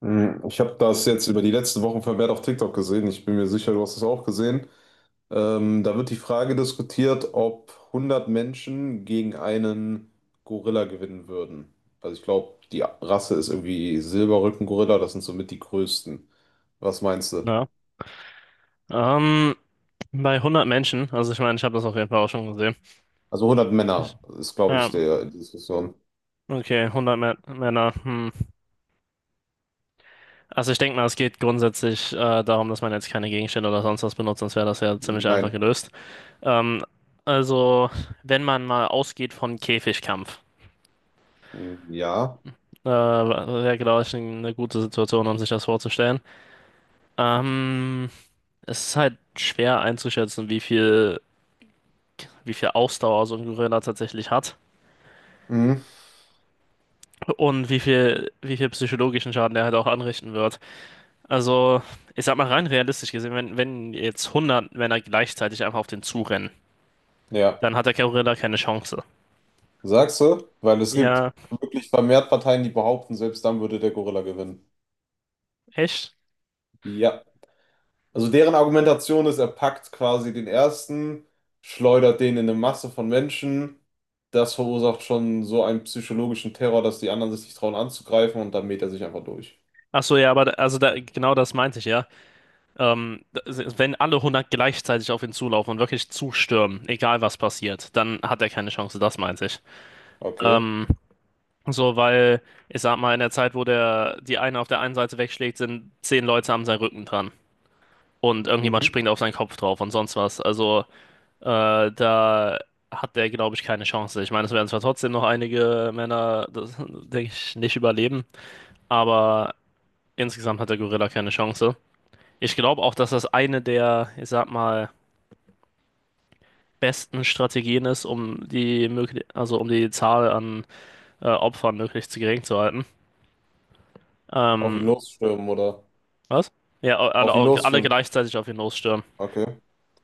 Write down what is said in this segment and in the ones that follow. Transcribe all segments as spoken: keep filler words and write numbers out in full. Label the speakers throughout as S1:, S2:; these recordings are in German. S1: Hm, Ich habe das jetzt über die letzten Wochen vermehrt auf TikTok gesehen. Ich bin mir sicher, du hast es auch gesehen. Ähm, da wird die Frage diskutiert, ob hundert Menschen gegen einen Gorilla gewinnen würden. Also ich glaube, die Rasse ist irgendwie Silberrücken-Gorilla. Das sind somit die größten. Was meinst du?
S2: Ja. Ähm, Bei hundert Menschen, also ich meine, ich habe das auf jeden Fall auch schon gesehen.
S1: Also hundert
S2: Ich,
S1: Männer ist, glaube
S2: ja,
S1: ich, der die Diskussion.
S2: okay, hundert Mä Männer. Hm. Also ich denke mal, es geht grundsätzlich äh, darum, dass man jetzt keine Gegenstände oder sonst was benutzt, sonst wäre das ja ziemlich einfach
S1: Nein.
S2: gelöst. Ähm, also, wenn man mal ausgeht von Käfigkampf,
S1: Hm, ja.
S2: äh, wäre, glaube ich, eine gute Situation, um sich das vorzustellen. Ähm, Es ist halt schwer einzuschätzen, wie viel, wie viel Ausdauer so ein Gorilla tatsächlich hat,
S1: Mhm.
S2: und wie viel, wie viel psychologischen Schaden der halt auch anrichten wird. Also, ich sag mal rein realistisch gesehen, wenn, wenn jetzt hundert Männer gleichzeitig einfach auf den zurennen,
S1: Ja,
S2: dann hat der Gorilla keine Chance.
S1: sagst du? Weil es gibt
S2: Ja,
S1: wirklich vermehrt Parteien, die behaupten, selbst dann würde der Gorilla gewinnen.
S2: echt?
S1: Ja. Also deren Argumentation ist, er packt quasi den ersten, schleudert den in eine Masse von Menschen. Das verursacht schon so einen psychologischen Terror, dass die anderen sich nicht trauen anzugreifen, und dann mäht er sich einfach durch.
S2: Ach so, ja, aber da- also da, genau das meinte ich ja. Ähm, da- wenn alle hundert gleichzeitig auf ihn zulaufen und wirklich zustürmen, egal was passiert, dann hat er keine Chance, das meinte ich.
S1: Okay.
S2: Ähm, so, weil ich sag mal, in der Zeit, wo der die eine auf der einen Seite wegschlägt, sind zehn Leute am seinen Rücken dran, und irgendjemand
S1: Mhm.
S2: springt auf seinen Kopf drauf und sonst was. Also äh, da hat der, glaube ich, keine Chance. Ich meine, es werden zwar trotzdem noch einige Männer, das, denke ich, nicht überleben, aber insgesamt hat der Gorilla keine Chance. Ich glaube auch, dass das eine der, ich sag mal, besten Strategien ist, um die möglich, also um die Zahl an äh, Opfern möglichst gering zu halten.
S1: Auf ihn
S2: Ähm,
S1: losstürmen oder
S2: Was? Ja,
S1: auf ihn
S2: alle, alle
S1: losstürmen.
S2: gleichzeitig auf ihn losstürmen.
S1: Okay.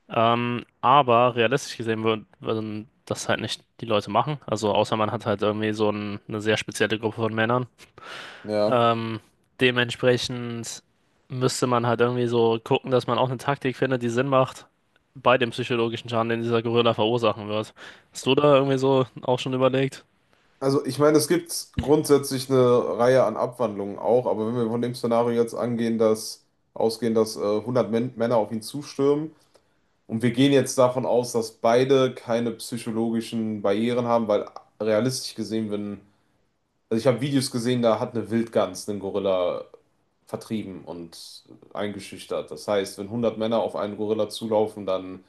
S2: Ähm, aber realistisch gesehen würd- würden das halt nicht die Leute machen. Also außer man hat halt irgendwie so ein, eine sehr spezielle Gruppe von Männern.
S1: Ja.
S2: Ähm, Dementsprechend müsste man halt irgendwie so gucken, dass man auch eine Taktik findet, die Sinn macht bei dem psychologischen Schaden, den dieser Gorilla verursachen wird. Hast du da irgendwie so auch schon überlegt?
S1: Also ich meine, es gibt grundsätzlich eine Reihe an Abwandlungen auch, aber wenn wir von dem Szenario jetzt angehen, dass ausgehen, dass äh, hundert Män Männer auf ihn zustürmen. Und wir gehen jetzt davon aus, dass beide keine psychologischen Barrieren haben, weil realistisch gesehen, wenn, also ich habe Videos gesehen, da hat eine Wildgans einen Gorilla vertrieben und eingeschüchtert. Das heißt, wenn hundert Männer auf einen Gorilla zulaufen, dann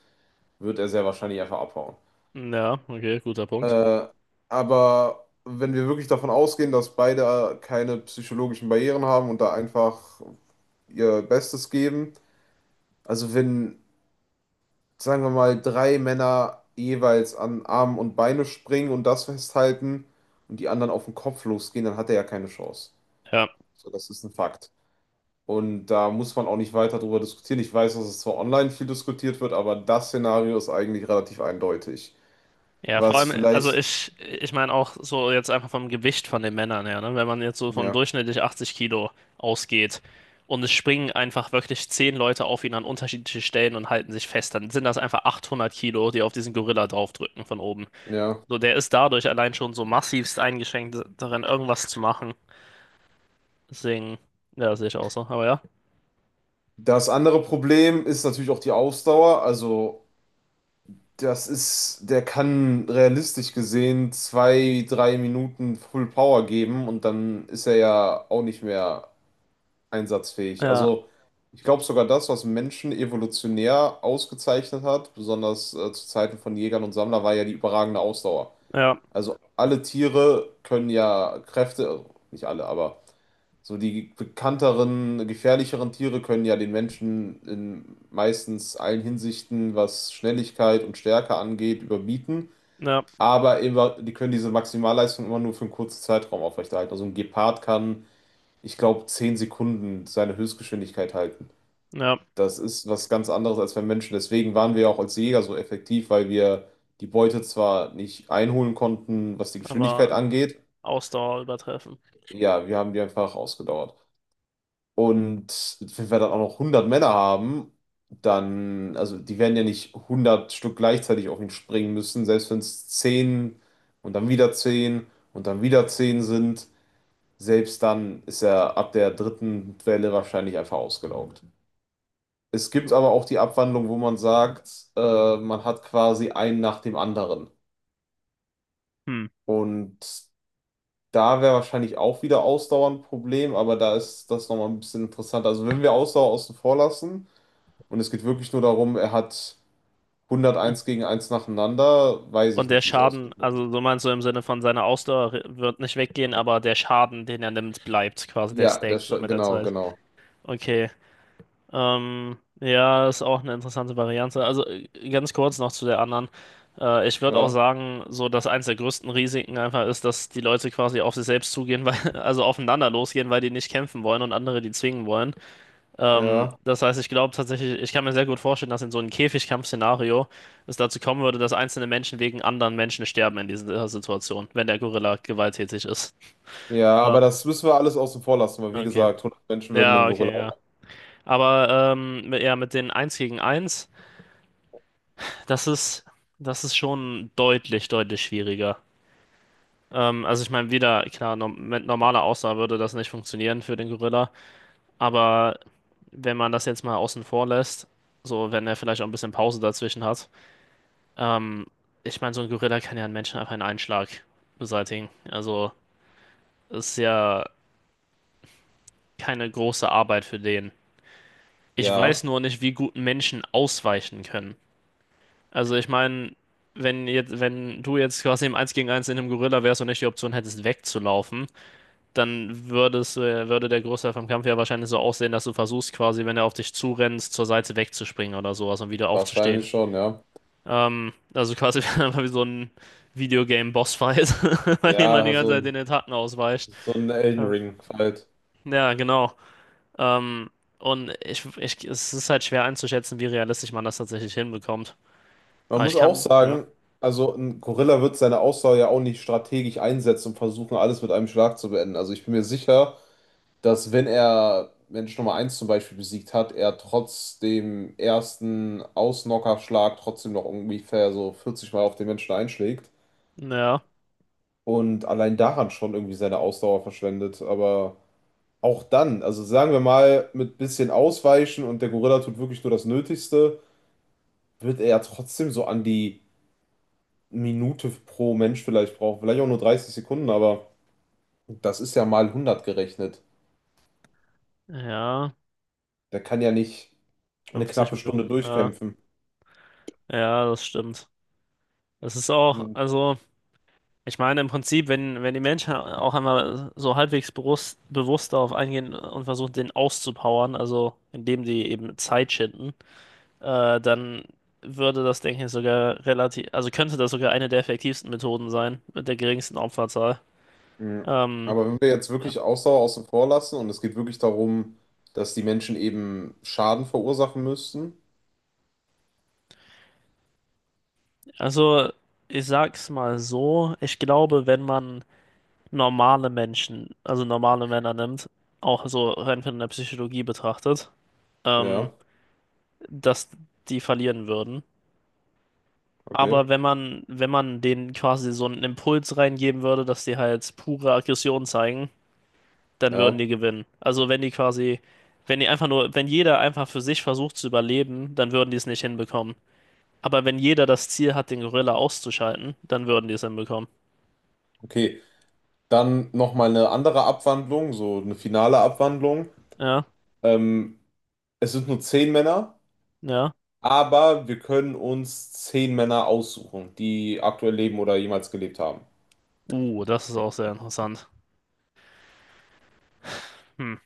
S1: wird er sehr wahrscheinlich einfach abhauen.
S2: Ja, okay, guter Punkt.
S1: Äh, aber wenn wir wirklich davon ausgehen, dass beide keine psychologischen Barrieren haben und da einfach ihr Bestes geben, also wenn sagen wir mal, drei Männer jeweils an Arme und Beine springen und das festhalten und die anderen auf den Kopf losgehen, dann hat er ja keine Chance.
S2: Ja.
S1: So, das ist ein Fakt. Und da muss man auch nicht weiter drüber diskutieren. Ich weiß, dass es zwar online viel diskutiert wird, aber das Szenario ist eigentlich relativ eindeutig.
S2: Ja, vor
S1: Was
S2: allem, also
S1: vielleicht,
S2: ich, ich meine auch so jetzt einfach vom Gewicht von den Männern her, ne? Wenn man jetzt so von
S1: ja,
S2: durchschnittlich achtzig Kilo ausgeht und es springen einfach wirklich zehn Leute auf ihn an unterschiedliche Stellen und halten sich fest, dann sind das einfach achthundert Kilo, die auf diesen Gorilla draufdrücken von oben.
S1: ja.
S2: So, der ist dadurch allein schon so massivst eingeschränkt darin, irgendwas zu machen. Deswegen, ja, sehe ich auch so. Aber ja,
S1: Das andere Problem ist natürlich auch die Ausdauer. Also das ist, der kann realistisch gesehen zwei, drei Minuten Full Power geben und dann ist er ja auch nicht mehr einsatzfähig.
S2: ja,
S1: Also ich glaube sogar das, was Menschen evolutionär ausgezeichnet hat, besonders äh, zu Zeiten von Jägern und Sammlern, war ja die überragende Ausdauer.
S2: ja,
S1: Also alle Tiere können ja Kräfte, also nicht alle, aber so die bekannteren, gefährlicheren Tiere können ja den Menschen in meistens allen Hinsichten, was Schnelligkeit und Stärke angeht, überbieten.
S2: ja,
S1: Aber immer, die können diese Maximalleistung immer nur für einen kurzen Zeitraum aufrechterhalten. Also ein Gepard kann, ich glaube, zehn Sekunden seine Höchstgeschwindigkeit halten.
S2: ja,
S1: Das ist was ganz anderes als beim Menschen. Deswegen waren wir auch als Jäger so effektiv, weil wir die Beute zwar nicht einholen konnten, was die Geschwindigkeit
S2: aber
S1: angeht.
S2: Ausdauer übertreffen.
S1: Ja, wir haben die einfach ausgedauert. Und wenn wir dann auch noch hundert Männer haben, dann, also die werden ja nicht hundert Stück gleichzeitig auf ihn springen müssen, selbst wenn es zehn und dann wieder zehn und dann wieder zehn sind, selbst dann ist er ab der dritten Welle wahrscheinlich einfach ausgelaugt. Es gibt aber auch die Abwandlung, wo man sagt, äh, man hat quasi einen nach dem anderen.
S2: Hm.
S1: Und da wäre wahrscheinlich auch wieder Ausdauer ein Problem, aber da ist das nochmal ein bisschen interessanter. Also wenn wir Ausdauer außen vor lassen und es geht wirklich nur darum, er hat hunderteins gegen eins nacheinander. Weiß ich
S2: Und der
S1: nicht, wie es ausgeht.
S2: Schaden, also so meinst du im Sinne von seiner Ausdauer re- wird nicht weggehen, aber der Schaden, den er nimmt, bleibt quasi, der
S1: Ja, der
S2: stackt
S1: Sch
S2: so mit der
S1: genau,
S2: Zeit.
S1: genau.
S2: Okay. Ähm, ja, ist auch eine interessante Variante. Also äh, ganz kurz noch zu der anderen. Äh, ich würde auch
S1: Ja,
S2: sagen, so dass eins der größten Risiken einfach ist, dass die Leute quasi auf sich selbst zugehen, weil, also aufeinander losgehen, weil die nicht kämpfen wollen und andere die zwingen wollen. Ähm,
S1: ja.
S2: das heißt, ich glaube tatsächlich, ich kann mir sehr gut vorstellen, dass in so einem Käfigkampfszenario es dazu kommen würde, dass einzelne Menschen wegen anderen Menschen sterben in dieser Situation, wenn der Gorilla gewalttätig ist.
S1: Ja,
S2: Ähm,
S1: aber das müssen wir alles außen vor lassen, weil wie
S2: okay.
S1: gesagt, hundert Menschen würden einen
S2: Ja,
S1: Gorilla
S2: okay, ja.
S1: auch.
S2: Aber ähm, mit- ja, mit den Eins gegen Eins, das ist, das ist schon deutlich, deutlich schwieriger. Ähm, also ich meine, wieder, klar, no mit normaler Ausdauer würde das nicht funktionieren für den Gorilla, aber wenn man das jetzt mal außen vor lässt, so wenn er vielleicht auch ein bisschen Pause dazwischen hat. Ähm, Ich meine, so ein Gorilla kann ja einen Menschen einfach in einen Schlag beseitigen. Also, das ist ja keine große Arbeit für den. Ich weiß
S1: Ja,
S2: nur nicht, wie gut Menschen ausweichen können. Also, ich meine, wenn jetzt, wenn du jetzt quasi im Eins gegen Eins in einem Gorilla wärst und nicht die Option hättest, wegzulaufen, dann würdest, du- würde der Großteil vom Kampf ja wahrscheinlich so aussehen, dass du versuchst, quasi, wenn er auf dich zurennt, zur Seite wegzuspringen oder sowas und wieder aufzustehen.
S1: wahrscheinlich schon, ja.
S2: Ähm, also quasi einfach wie so ein Videogame-Bossfight, bei dem man die
S1: Ja,
S2: ganze
S1: so
S2: Zeit den
S1: ein,
S2: Attacken ausweicht.
S1: so ein Elden
S2: Ähm,
S1: Ring halt.
S2: ja, genau. Ähm, und ich, ich, es ist halt schwer einzuschätzen, wie realistisch man das tatsächlich hinbekommt.
S1: Man
S2: Aber ich
S1: muss auch
S2: kann, ja,
S1: sagen, also ein Gorilla wird seine Ausdauer ja auch nicht strategisch einsetzen und versuchen, alles mit einem Schlag zu beenden. Also ich bin mir sicher, dass wenn er Mensch Nummer eins zum Beispiel besiegt hat, er trotz dem ersten Ausknockerschlag trotzdem noch ungefähr so vierzig Mal auf den Menschen einschlägt
S2: ja,
S1: und allein daran schon irgendwie seine Ausdauer verschwendet. Aber auch dann, also sagen wir mal, mit bisschen Ausweichen und der Gorilla tut wirklich nur das Nötigste, wird er ja trotzdem so an die Minute pro Mensch vielleicht brauchen. Vielleicht auch nur dreißig Sekunden, aber das ist ja mal hundert gerechnet.
S2: ja,
S1: Der kann ja nicht eine
S2: fünfzig
S1: knappe Stunde
S2: Minuten, ja,
S1: durchkämpfen.
S2: ja, das stimmt. Das ist auch, also, ich meine, im Prinzip, wenn, wenn die Menschen auch einmal so halbwegs bewusst, bewusst darauf eingehen und versuchen, den auszupowern, also indem sie eben Zeit schinden, äh, dann würde das, denke ich, sogar relativ, also könnte das sogar eine der effektivsten Methoden sein, mit der geringsten Opferzahl.
S1: Ja.
S2: Ähm,
S1: Aber wenn wir jetzt
S2: Ja.
S1: wirklich Ausdauer außen vor lassen und es geht wirklich darum, dass die Menschen eben Schaden verursachen müssten,
S2: Also, ich sag's mal so, ich glaube, wenn man normale Menschen, also normale Männer nimmt, auch so rein von der Psychologie betrachtet, ähm,
S1: ja,
S2: dass die verlieren würden.
S1: okay,
S2: Aber wenn man, wenn man denen quasi so einen Impuls reingeben würde, dass die halt pure Aggression zeigen, dann würden
S1: ja,
S2: die gewinnen. Also wenn die quasi, wenn die einfach nur, wenn jeder einfach für sich versucht zu überleben, dann würden die es nicht hinbekommen. Aber wenn jeder das Ziel hat, den Gorilla auszuschalten, dann würden die es hinbekommen.
S1: okay, dann nochmal eine andere Abwandlung, so eine finale Abwandlung.
S2: Ja,
S1: Ähm, Es sind nur zehn Männer,
S2: ja.
S1: aber wir können uns zehn Männer aussuchen, die aktuell leben oder jemals gelebt haben.
S2: Uh, das ist auch sehr interessant. Hm.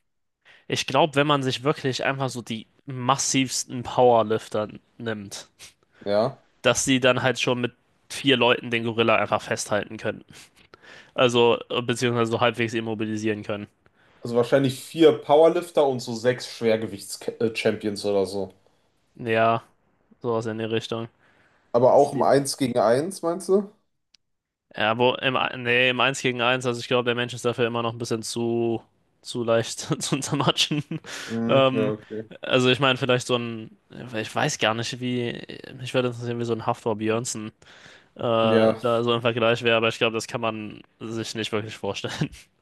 S2: Ich glaube, wenn man sich wirklich einfach so die massivsten Powerlifter nimmt,
S1: Ja,
S2: dass die dann halt schon mit vier Leuten den Gorilla einfach festhalten können. Also, äh, beziehungsweise so halbwegs immobilisieren können.
S1: also wahrscheinlich vier Powerlifter und so sechs Schwergewichts-Champions oder so.
S2: Ja, sowas in die Richtung.
S1: Aber
S2: Dass
S1: auch im
S2: die
S1: Eins gegen Eins, meinst du?
S2: ja, wo im, Ein- nee, im eins gegen eins, also ich glaube, der Mensch ist dafür immer noch ein bisschen zu, zu leicht zu zermatschen.
S1: Mhm, ja,
S2: Ähm,
S1: okay.
S2: also ich meine, vielleicht so ein, ich weiß gar nicht, wie, mich würde interessieren, wie so ein Hafþór Björnsson äh,
S1: Ja,
S2: da so im Vergleich wäre, aber ich glaube, das kann man sich nicht wirklich vorstellen.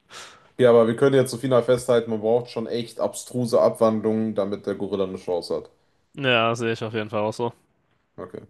S1: ja, aber wir können jetzt so final festhalten, man braucht schon echt abstruse Abwandlungen, damit der Gorilla eine Chance hat.
S2: Ja, sehe ich auf jeden Fall auch so.
S1: Okay.